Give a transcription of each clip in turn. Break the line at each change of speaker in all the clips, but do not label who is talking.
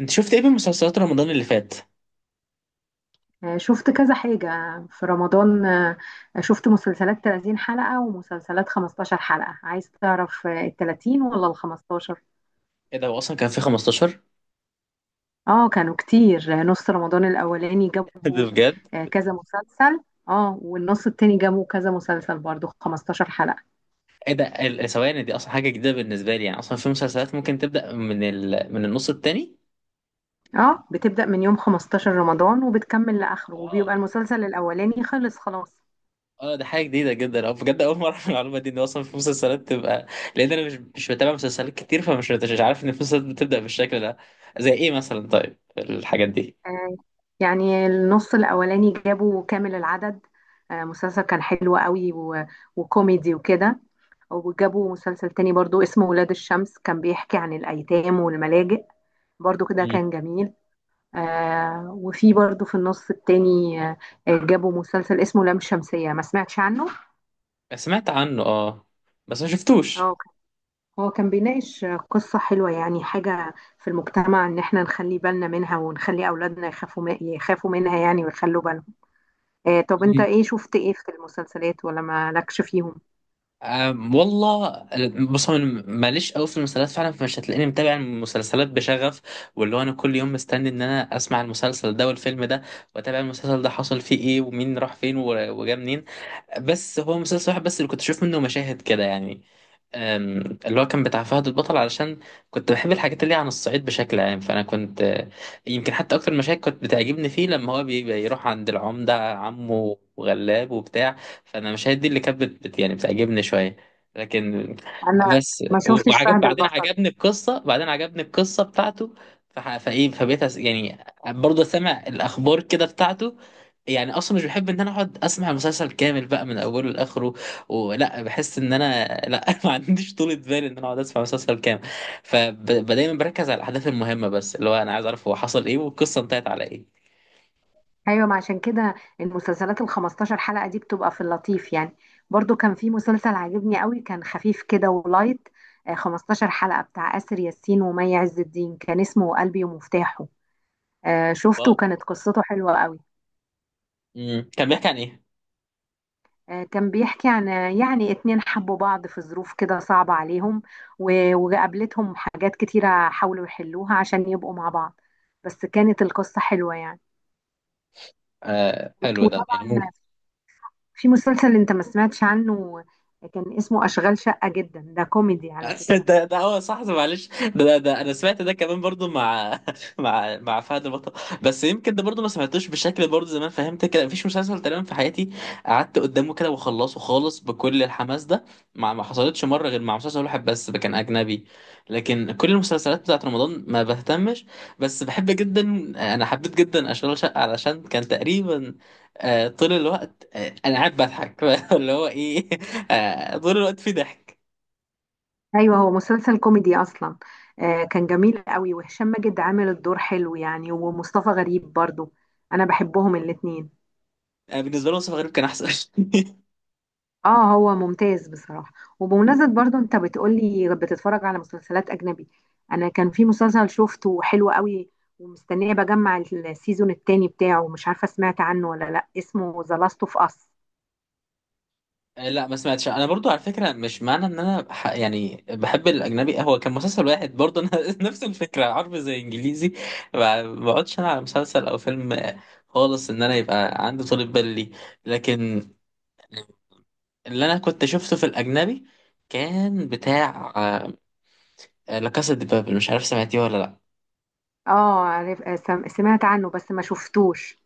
انت شفت ايه من مسلسلات رمضان اللي فات؟
شفت كذا حاجة في رمضان. شفت مسلسلات 30 حلقة ومسلسلات 15 حلقة. عايز تعرف ال 30 ولا ال 15؟
ايه ده، هو اصلا كان في 15؟
اه، كانوا كتير. نص رمضان الأولاني
ده
جابوا
بجد؟
كذا مسلسل. اه، والنص التاني جابوا كذا مسلسل برضو 15 حلقة.
ايه ده، ثواني دي اصلا حاجه جديده بالنسبه لي، يعني اصلا في مسلسلات ممكن تبدا من من النص التاني؟
اه، بتبدأ من يوم 15 رمضان وبتكمل لآخره،
اه.
وبيبقى المسلسل الأولاني خلص خلاص.
اه ده حاجه جديده جدا، اه بجد اول مره اعرف المعلومه دي، ان اصلا في مسلسلات تبقى، لان انا مش بتابع مسلسلات كتير، فمش مش عارف ان في مسلسلات بتبدا بالشكل ده. زي ايه مثلا طيب الحاجات دي؟
آه، يعني النص الأولاني جابوا كامل العدد. مسلسل كان حلو قوي وكوميدي وكده، وجابوا مسلسل تاني برضو اسمه ولاد الشمس، كان بيحكي عن الأيتام والملاجئ، برضو كده
مم.
كان جميل. وفي برضو في النص التاني جابوا مسلسل اسمه لام شمسية، ما سمعتش عنه.
سمعت عنه، اه، بس ما شفتوش.
هو كان هو كان بيناقش قصة حلوة، يعني حاجة في المجتمع إن احنا نخلي بالنا منها ونخلي أولادنا يخافوا يخافوا منها يعني، ويخلوا بالهم. طب انت ايه شفت ايه في المسلسلات ولا مالكش فيهم؟
أم، والله، بص هو انا ماليش قوي في المسلسلات فعلا، فمش هتلاقيني متابع المسلسلات بشغف، واللي هو انا كل يوم مستني ان انا اسمع المسلسل ده والفيلم ده، واتابع المسلسل ده حصل فيه ايه، ومين راح فين وجا منين. بس هو مسلسل واحد بس اللي كنت اشوف منه مشاهد كده يعني. أم، اللي هو كان بتاع فهد البطل، علشان كنت بحب الحاجات اللي هي عن الصعيد بشكل عام، فانا كنت آه، يمكن حتى اكتر المشاهد كنت بتعجبني فيه لما هو بيروح عند العمدة عمه وغلاب وبتاع. فانا المشاهد دي اللي كانت يعني بتعجبني شوية. لكن
انا
بس
ما شفتش
وعجب
فهد
بعدين،
البطل.
عجبني القصة، بعدين عجبني القصة بتاعته. فح- فايه فبقيت يعني برضه سامع الاخبار كده بتاعته. يعني اصلا مش بحب ان انا اقعد اسمع المسلسل كامل بقى من اوله لاخره، ولا بحس ان انا لا ما عنديش طولة بال ان انا اقعد اسمع مسلسل كامل. فدايما بركز على الاحداث المهمه بس، اللي هو انا عايز اعرف هو حصل ايه والقصه انتهت على ايه.
ايوه، ما عشان كده المسلسلات ال 15 حلقة دي بتبقى في اللطيف يعني. برضو كان في مسلسل عجبني قوي، كان خفيف كده ولايت، 15 حلقة، بتاع آسر ياسين ومي عز الدين، كان اسمه قلبي ومفتاحه. شفته
واو.
وكانت قصته حلوة قوي.
مم. كان بيحكي عن ايه؟
كان بيحكي عن يعني اتنين حبوا بعض في ظروف كده صعبة عليهم، وقابلتهم حاجات كتيرة حاولوا يحلوها عشان يبقوا مع بعض. بس كانت القصة حلوة يعني.
آه حلو ده يعني.
وطبعا في مسلسل انت ما سمعتش عنه، كان اسمه أشغال شقة، جدا ده كوميدي على فكرة.
ده ده هو صح معلش ده، انا سمعت ده كمان برضو مع مع فهد البطل. بس يمكن ده برضو ما سمعتوش بشكل برضو، زمان فهمت كده مفيش مسلسل تقريبا في حياتي قعدت قدامه كده وخلصه خالص بكل الحماس ده، مع ما حصلتش مره غير مع مسلسل واحد بس ده كان اجنبي. لكن كل المسلسلات بتاعت رمضان ما بهتمش. بس بحب جدا، انا حبيت جدا اشغال شقه، علشان كان تقريبا آه، طول الوقت آه، انا قاعد بضحك. اللي هو ايه، آه، طول الوقت في ضحك.
ايوه، هو مسلسل كوميدي اصلا. كان جميل قوي، وهشام ماجد عامل الدور حلو يعني، ومصطفى غريب برضو، انا بحبهم الاتنين.
أنا بالنسبة لي مصطفى غريب كان أحسن.
اه، هو ممتاز بصراحة. وبمناسبة برضو انت بتقولي بتتفرج على مسلسلات اجنبي، انا كان في مسلسل شفته حلو قوي، ومستنية بجمع السيزون التاني بتاعه، مش عارفة سمعت عنه ولا لا، اسمه ذا لاست اوف اس.
آه، لا ما سمعتش أنا، برضو على فكرة مش معنى إن أنا يعني بحب الأجنبي، هو كان مسلسل واحد برضو أنا. نفس الفكرة عربي زي إنجليزي، ما بقعدش أنا على مسلسل أو فيلم آه، خالص، إن أنا يبقى عندي طولة بال ليه. لكن اللي أنا كنت شفته في الأجنبي كان بتاع آه، لا كاسا دي بابل، مش عارف سمعتيه ولا لأ.
اه، عارف، سمعت عنه بس ما شفتوش.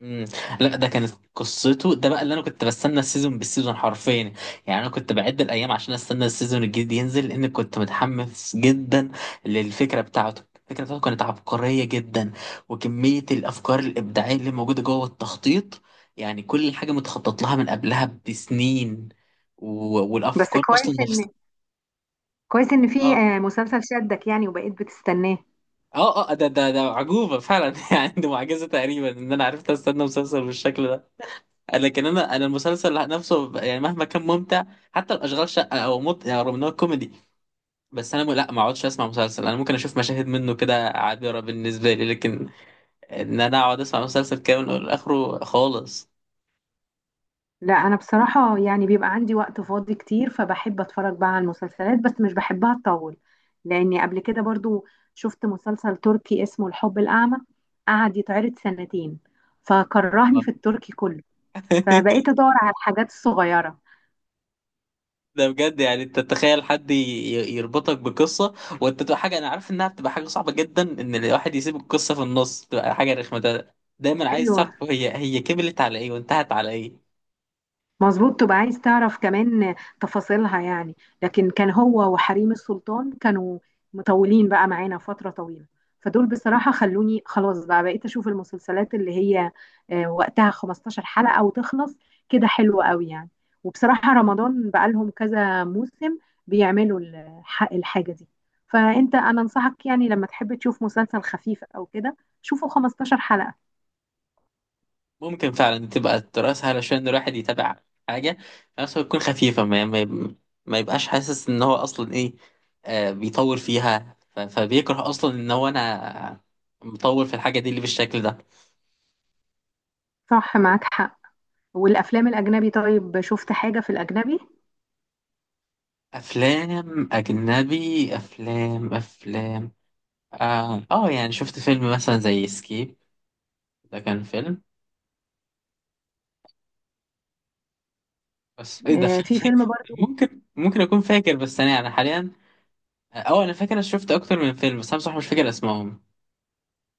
مم. لا ده كانت قصته، ده بقى اللي انا كنت بستنى السيزون بالسيزون حرفيا. يعني انا كنت بعد الايام عشان استنى السيزون الجديد ينزل، لان كنت متحمس جدا للفكره بتاعته. الفكره بتاعته كانت عبقريه جدا، وكميه الافكار الابداعيه اللي موجوده جوه التخطيط، يعني كل حاجه متخطط لها من قبلها بسنين، و...
بس
والافكار اصلا
كويس
نفسها.
ان كويس ان في
اه.
مسلسل شدك يعني وبقيت بتستناه.
اه اه، ده عجوبه فعلا. يعني دي معجزه تقريبا ان انا عرفت استنى مسلسل بالشكل ده. لكن انا المسلسل نفسه يعني مهما كان ممتع، حتى الاشغال شقه يعني رغم ان هو كوميدي، بس انا لا ما اقعدش اسمع مسلسل، انا ممكن اشوف مشاهد منه كده عابره بالنسبه لي، لكن ان انا اقعد اسمع مسلسل كامل لاخره خالص.
لا، انا بصراحه يعني بيبقى عندي وقت فاضي كتير، فبحب اتفرج بقى على المسلسلات، بس مش بحبها تطول. لاني قبل كده برضو شفت مسلسل تركي اسمه الحب الاعمى، قعد يتعرض سنتين، فكرهني
آه.
في التركي كله، فبقيت ادور على الحاجات الصغيره.
ده بجد، يعني انت تتخيل حد يربطك بقصه وانت تبقى حاجه، انا عارف انها بتبقى حاجه صعبه جدا ان الواحد يسيب القصه في النص، بتبقى حاجه رخمه، ده دايما عايز
ايوه،
تعرف هي كملت على ايه وانتهت على ايه.
مظبوط، تبقى عايز تعرف كمان تفاصيلها يعني. لكن كان هو وحريم السلطان كانوا مطولين بقى معانا فترة طويلة، فدول بصراحة خلوني خلاص، بقى بقيت أشوف المسلسلات اللي هي وقتها 15 حلقة وتخلص، كده حلوة قوي يعني. وبصراحة رمضان بقى لهم كذا موسم بيعملوا الحاجة دي. أنا أنصحك يعني لما تحب تشوف مسلسل خفيف أو كده، شوفه 15 حلقة.
ممكن فعلا تبقى الدراسة علشان الواحد يتابع حاجة، بس تكون خفيفة، ما يبقاش حاسس إن هو أصلا إيه آه بيطور فيها، فبيكره أصلا إن هو أنا مطور في الحاجة دي اللي بالشكل ده.
صح، معاك حق. والأفلام الأجنبي؟ طيب شفت حاجة في الأجنبي؟
أفلام أجنبي، أفلام آه، يعني شفت فيلم مثلا زي سكيب، ده كان فيلم، بس إيه ده في.
في فيلم برضو.
ممكن أكون فاكر، بس أنا يعني حاليا أه أنا فاكر، أنا شفت أكتر من فيلم بس أنا بصراحة مش فاكر أسمائهم.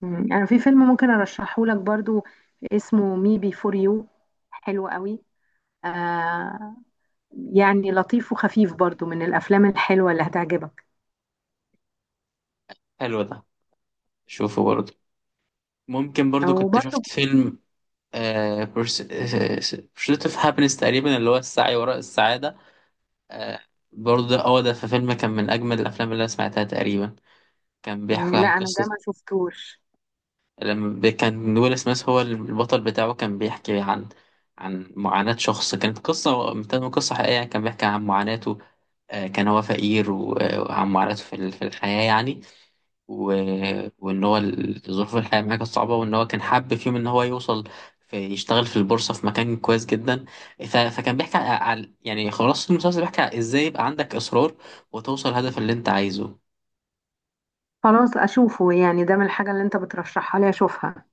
انا في فيلم ممكن ارشحه لك برضو، اسمه مي بي فور يو، حلو قوي. آه، يعني لطيف وخفيف برضو، من الافلام الحلوه اللي هتعجبك.
حلو ده، شوفوا برضه. ممكن برضو
او
كنت
برضو.
شفت فيلم بورسيت اوف هابينس تقريبا، اللي هو السعي وراء السعادة. آه، برضو ده- هو ده في فيلم كان من أجمل الأفلام اللي أنا سمعتها تقريبا. كان بيحكي
لا،
عن
انا ده
قصة
ما شفتوش.
لما كان ويل سميث هو البطل بتاعه، كان بيحكي عن عن معاناة شخص، كانت قصة متن قصة حقيقية يعني، كان بيحكي عن معاناته. آه، كان هو فقير آه، وعن معاناته في في الحياة يعني. و... وإن هو ظروف الحياة معاه كانت صعبة، وإن هو كان حابب فيهم إن هو يوصل، في يشتغل في البورصة في مكان كويس جدا. فكان بيحكي على، يعني خلاص المسلسل بيحكي على إزاي يبقى عندك إصرار وتوصل الهدف اللي أنت عايزه.
خلاص، اشوفه يعني، ده من الحاجه اللي انت بترشحها لي اشوفها.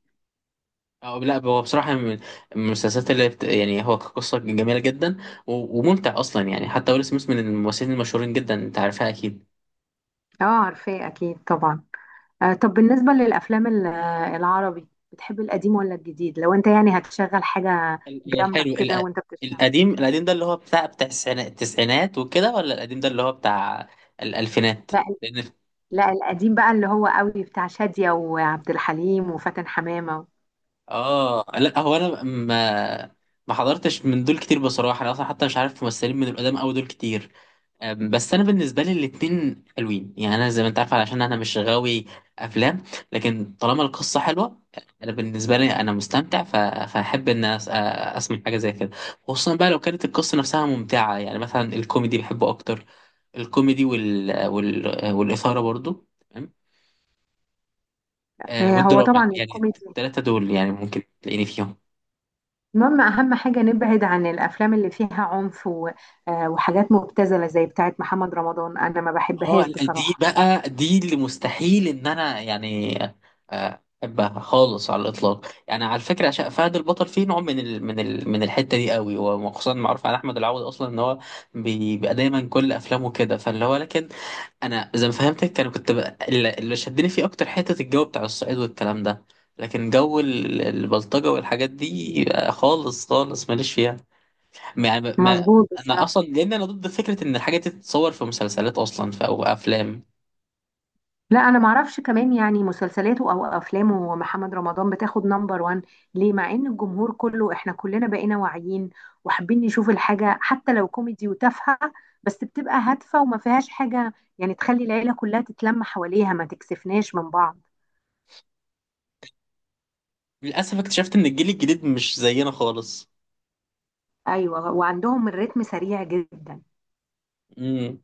أو لا هو بصراحة من المسلسلات يعني هو كقصة جميلة جدا، و... وممتع أصلا يعني، حتى ويل سميث من الممثلين المشهورين جدا، أنت عارفها أكيد.
اه، عارفاه اكيد طبعا. آه، طب بالنسبه للافلام العربي، بتحب القديم ولا الجديد، لو انت يعني هتشغل حاجه
ال-
جنبك
حلو
كده
ال...
وانت بتشتغل؟
القديم، القديم ده اللي هو بتاع بتاع التسعينات وكده، ولا القديم ده اللي هو بتاع الألفينات؟
لا.
لأن
لا، القديم بقى اللي هو قوي، بتاع شادية وعبد الحليم وفاتن حمامة.
آه لا هو أنا ما حضرتش من دول كتير بصراحة، أنا أصلا حتى مش عارف ممثلين من القدام أوي دول كتير. أم، بس انا بالنسبه لي الاتنين حلوين يعني، انا زي ما انت عارف علشان انا مش غاوي افلام، لكن طالما القصه حلوه انا بالنسبه لي انا مستمتع، فاحب ان اسمع حاجه زي كده. خصوصا بقى لو كانت القصه نفسها ممتعه، يعني مثلا الكوميدي بحبه اكتر، الكوميدي والاثاره برضو تمام، آه،
هو
والدراما
طبعا
يعني
الكوميدي،
الثلاثه دول يعني ممكن تلاقيني فيهم.
المهم أهم حاجة نبعد عن الأفلام اللي فيها عنف وحاجات مبتذلة زي بتاعة محمد رمضان، أنا ما
اه
بحبهاش
دي
بصراحة.
بقى دي اللي مستحيل ان انا يعني آه، احبها خالص على الاطلاق، يعني على فكره عشان فهد البطل فيه نوع من ال من ال من الحته دي قوي، وخصوصا معروف على احمد العوضي اصلا ان هو بيبقى دايما كل افلامه كده، فاللي هو لكن انا زي ما فهمتك، انا كنت بقى اللي شدني فيه اكتر حته الجو بتاع الصعيد والكلام ده. لكن جو البلطجه والحاجات دي آه، خالص خالص ماليش فيها يعني،
مظبوط بس.
انا اصلا لان انا ضد فكره ان الحاجات دي تتصور في مسلسلات اصلا او افلام.
لا، انا معرفش كمان يعني مسلسلاته او افلامه محمد رمضان بتاخد نمبر وان ليه، مع ان الجمهور كله احنا كلنا بقينا واعيين، وحابين نشوف الحاجة حتى لو كوميدي وتافهة، بس بتبقى هادفة وما فيهاش حاجة يعني تخلي العيلة كلها تتلم حواليها، ما تكسفناش من بعض.
للأسف اكتشفت إن الجيل الجديد مش زينا خالص.
ايوه، وعندهم الريتم سريع جدا.
امم.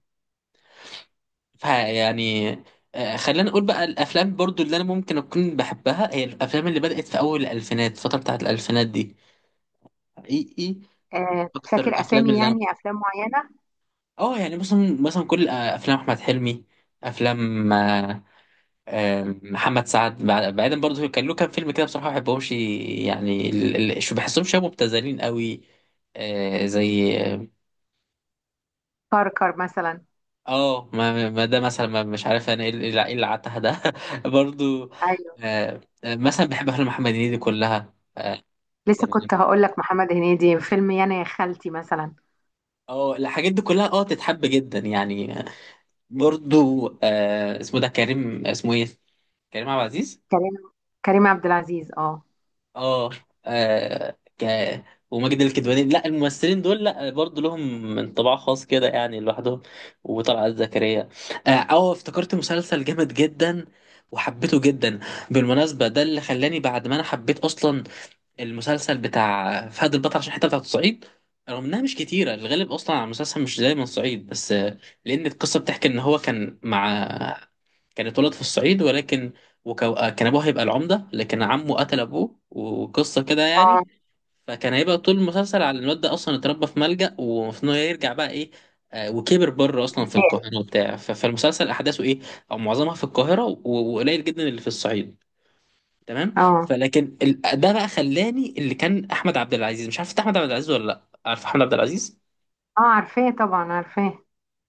فيعني آه، خلينا نقول بقى، الأفلام برضو اللي أنا ممكن أكون بحبها هي الأفلام اللي بدأت في أول الألفينات، الفترة بتاعت الألفينات دي حقيقي. أكتر
فاكر
الأفلام
اسامي
اللي أنا
يعني افلام معينة؟
أه يعني مثلا كل آه، أفلام أحمد حلمي، أفلام آه، آه، محمد سعد بعيدا برضو كان له كام فيلم كده بصراحة ما بحبهمش يعني، شو بحسهم شبه مبتذلين قوي، آه، زي
كركر مثلا.
اه ما ده مثلا ما مش عارف انا ايه اللي إيه اللي عتها ده. برضو
ايوه،
آه آه، مثلا بحب افلام محمد هنيدي كلها.
لسه
تمام.
كنت هقول لك محمد هنيدي، فيلم يانا يا خالتي مثلا.
اه الحاجات دي كلها اه تتحب جدا يعني آه، برضو آه اسمه ده كريم اسمه ايه، كريم عبد العزيز.
كريم كريم عبد العزيز، اه.
اه آه، ك وماجد الكدواني، لا الممثلين دول لا برضه لهم انطباع خاص كده يعني لوحدهم، وطلعت زكريا. اه أه، افتكرت مسلسل جامد جدا وحبيته جدا، بالمناسبة ده اللي خلاني بعد ما انا حبيت اصلا المسلسل بتاع فهد البطل عشان الحتة بتاعت الصعيد، رغم انها مش كتيرة، الغالب اصلا على المسلسل مش دايما صعيد بس آه، لان القصة بتحكي ان هو كان مع، كان اتولد في الصعيد ولكن آه، كان ابوه هيبقى العمده، لكن عمه قتل ابوه وقصه كده يعني. فكان هيبقى طول المسلسل على الواد ده، اصلا اتربى في ملجأ ومفروض انه يرجع بقى ايه، آه، وكبر بره اصلا في
تاني.
القاهره وبتاع، فالمسلسل احداثه ايه او معظمها في القاهره وقليل جدا اللي في الصعيد. تمام.
اه،
فلكن ده بقى خلاني، اللي كان احمد عبد العزيز، مش عارف إنت احمد عبد العزيز ولا لا، عارف احمد عبد العزيز.
اه، عارفاه طبعا، عارفاه.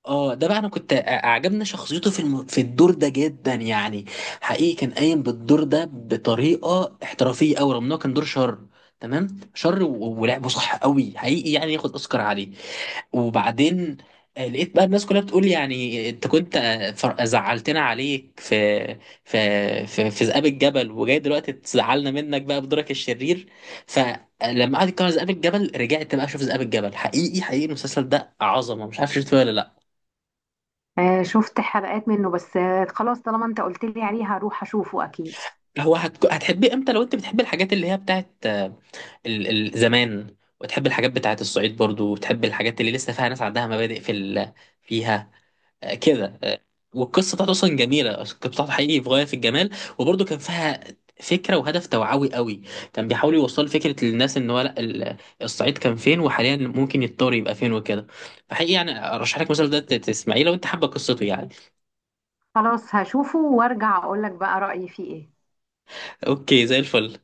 اه ده بقى انا كنت عجبني شخصيته في الدور ده جدا يعني. حقيقي كان قايم بالدور ده بطريقه احترافيه قوي، رغم انه كان دور شر، تمام، شر و... ولعبه صح قوي حقيقي، يعني ياخد اوسكار عليه. وبعدين آه، لقيت بقى الناس كلها بتقول يعني انت كنت آه، زعلتنا عليك في في ذئاب الجبل وجاي دلوقتي تزعلنا منك بقى بدورك الشرير. فلما قعد يتكلم عن ذئاب الجبل رجعت بقى اشوف ذئاب الجبل، حقيقي حقيقي المسلسل ده عظمه، مش عارف شفته ولا لا.
آه، شفت حلقات منه بس، آه خلاص طالما انت قلت لي عليه هروح اشوفه اكيد.
هتحبيه امتى لو انت بتحبي الحاجات اللي هي بتاعت آه، ال- زمان، وتحبي الحاجات بتاعت الصعيد برضو، وتحبي الحاجات اللي لسه فيها ناس عندها مبادئ في فيها آه، كده آه، والقصه بتاعته اصلا جميله، القصه بتاعته حقيقي في غايه في الجمال. وبرضو كان فيها فكره وهدف توعوي قوي، كان بيحاول يوصل فكره للناس ان هو لا الصعيد كان فين وحاليا ممكن يتطور يبقى فين وكده. فحقيقي يعني ارشح لك مثلا ده تسمعيه لو انت حابه قصته يعني.
خلاص، هشوفه وارجع اقول لك بقى رأيي فيه ايه.
اوكي، زي الفل.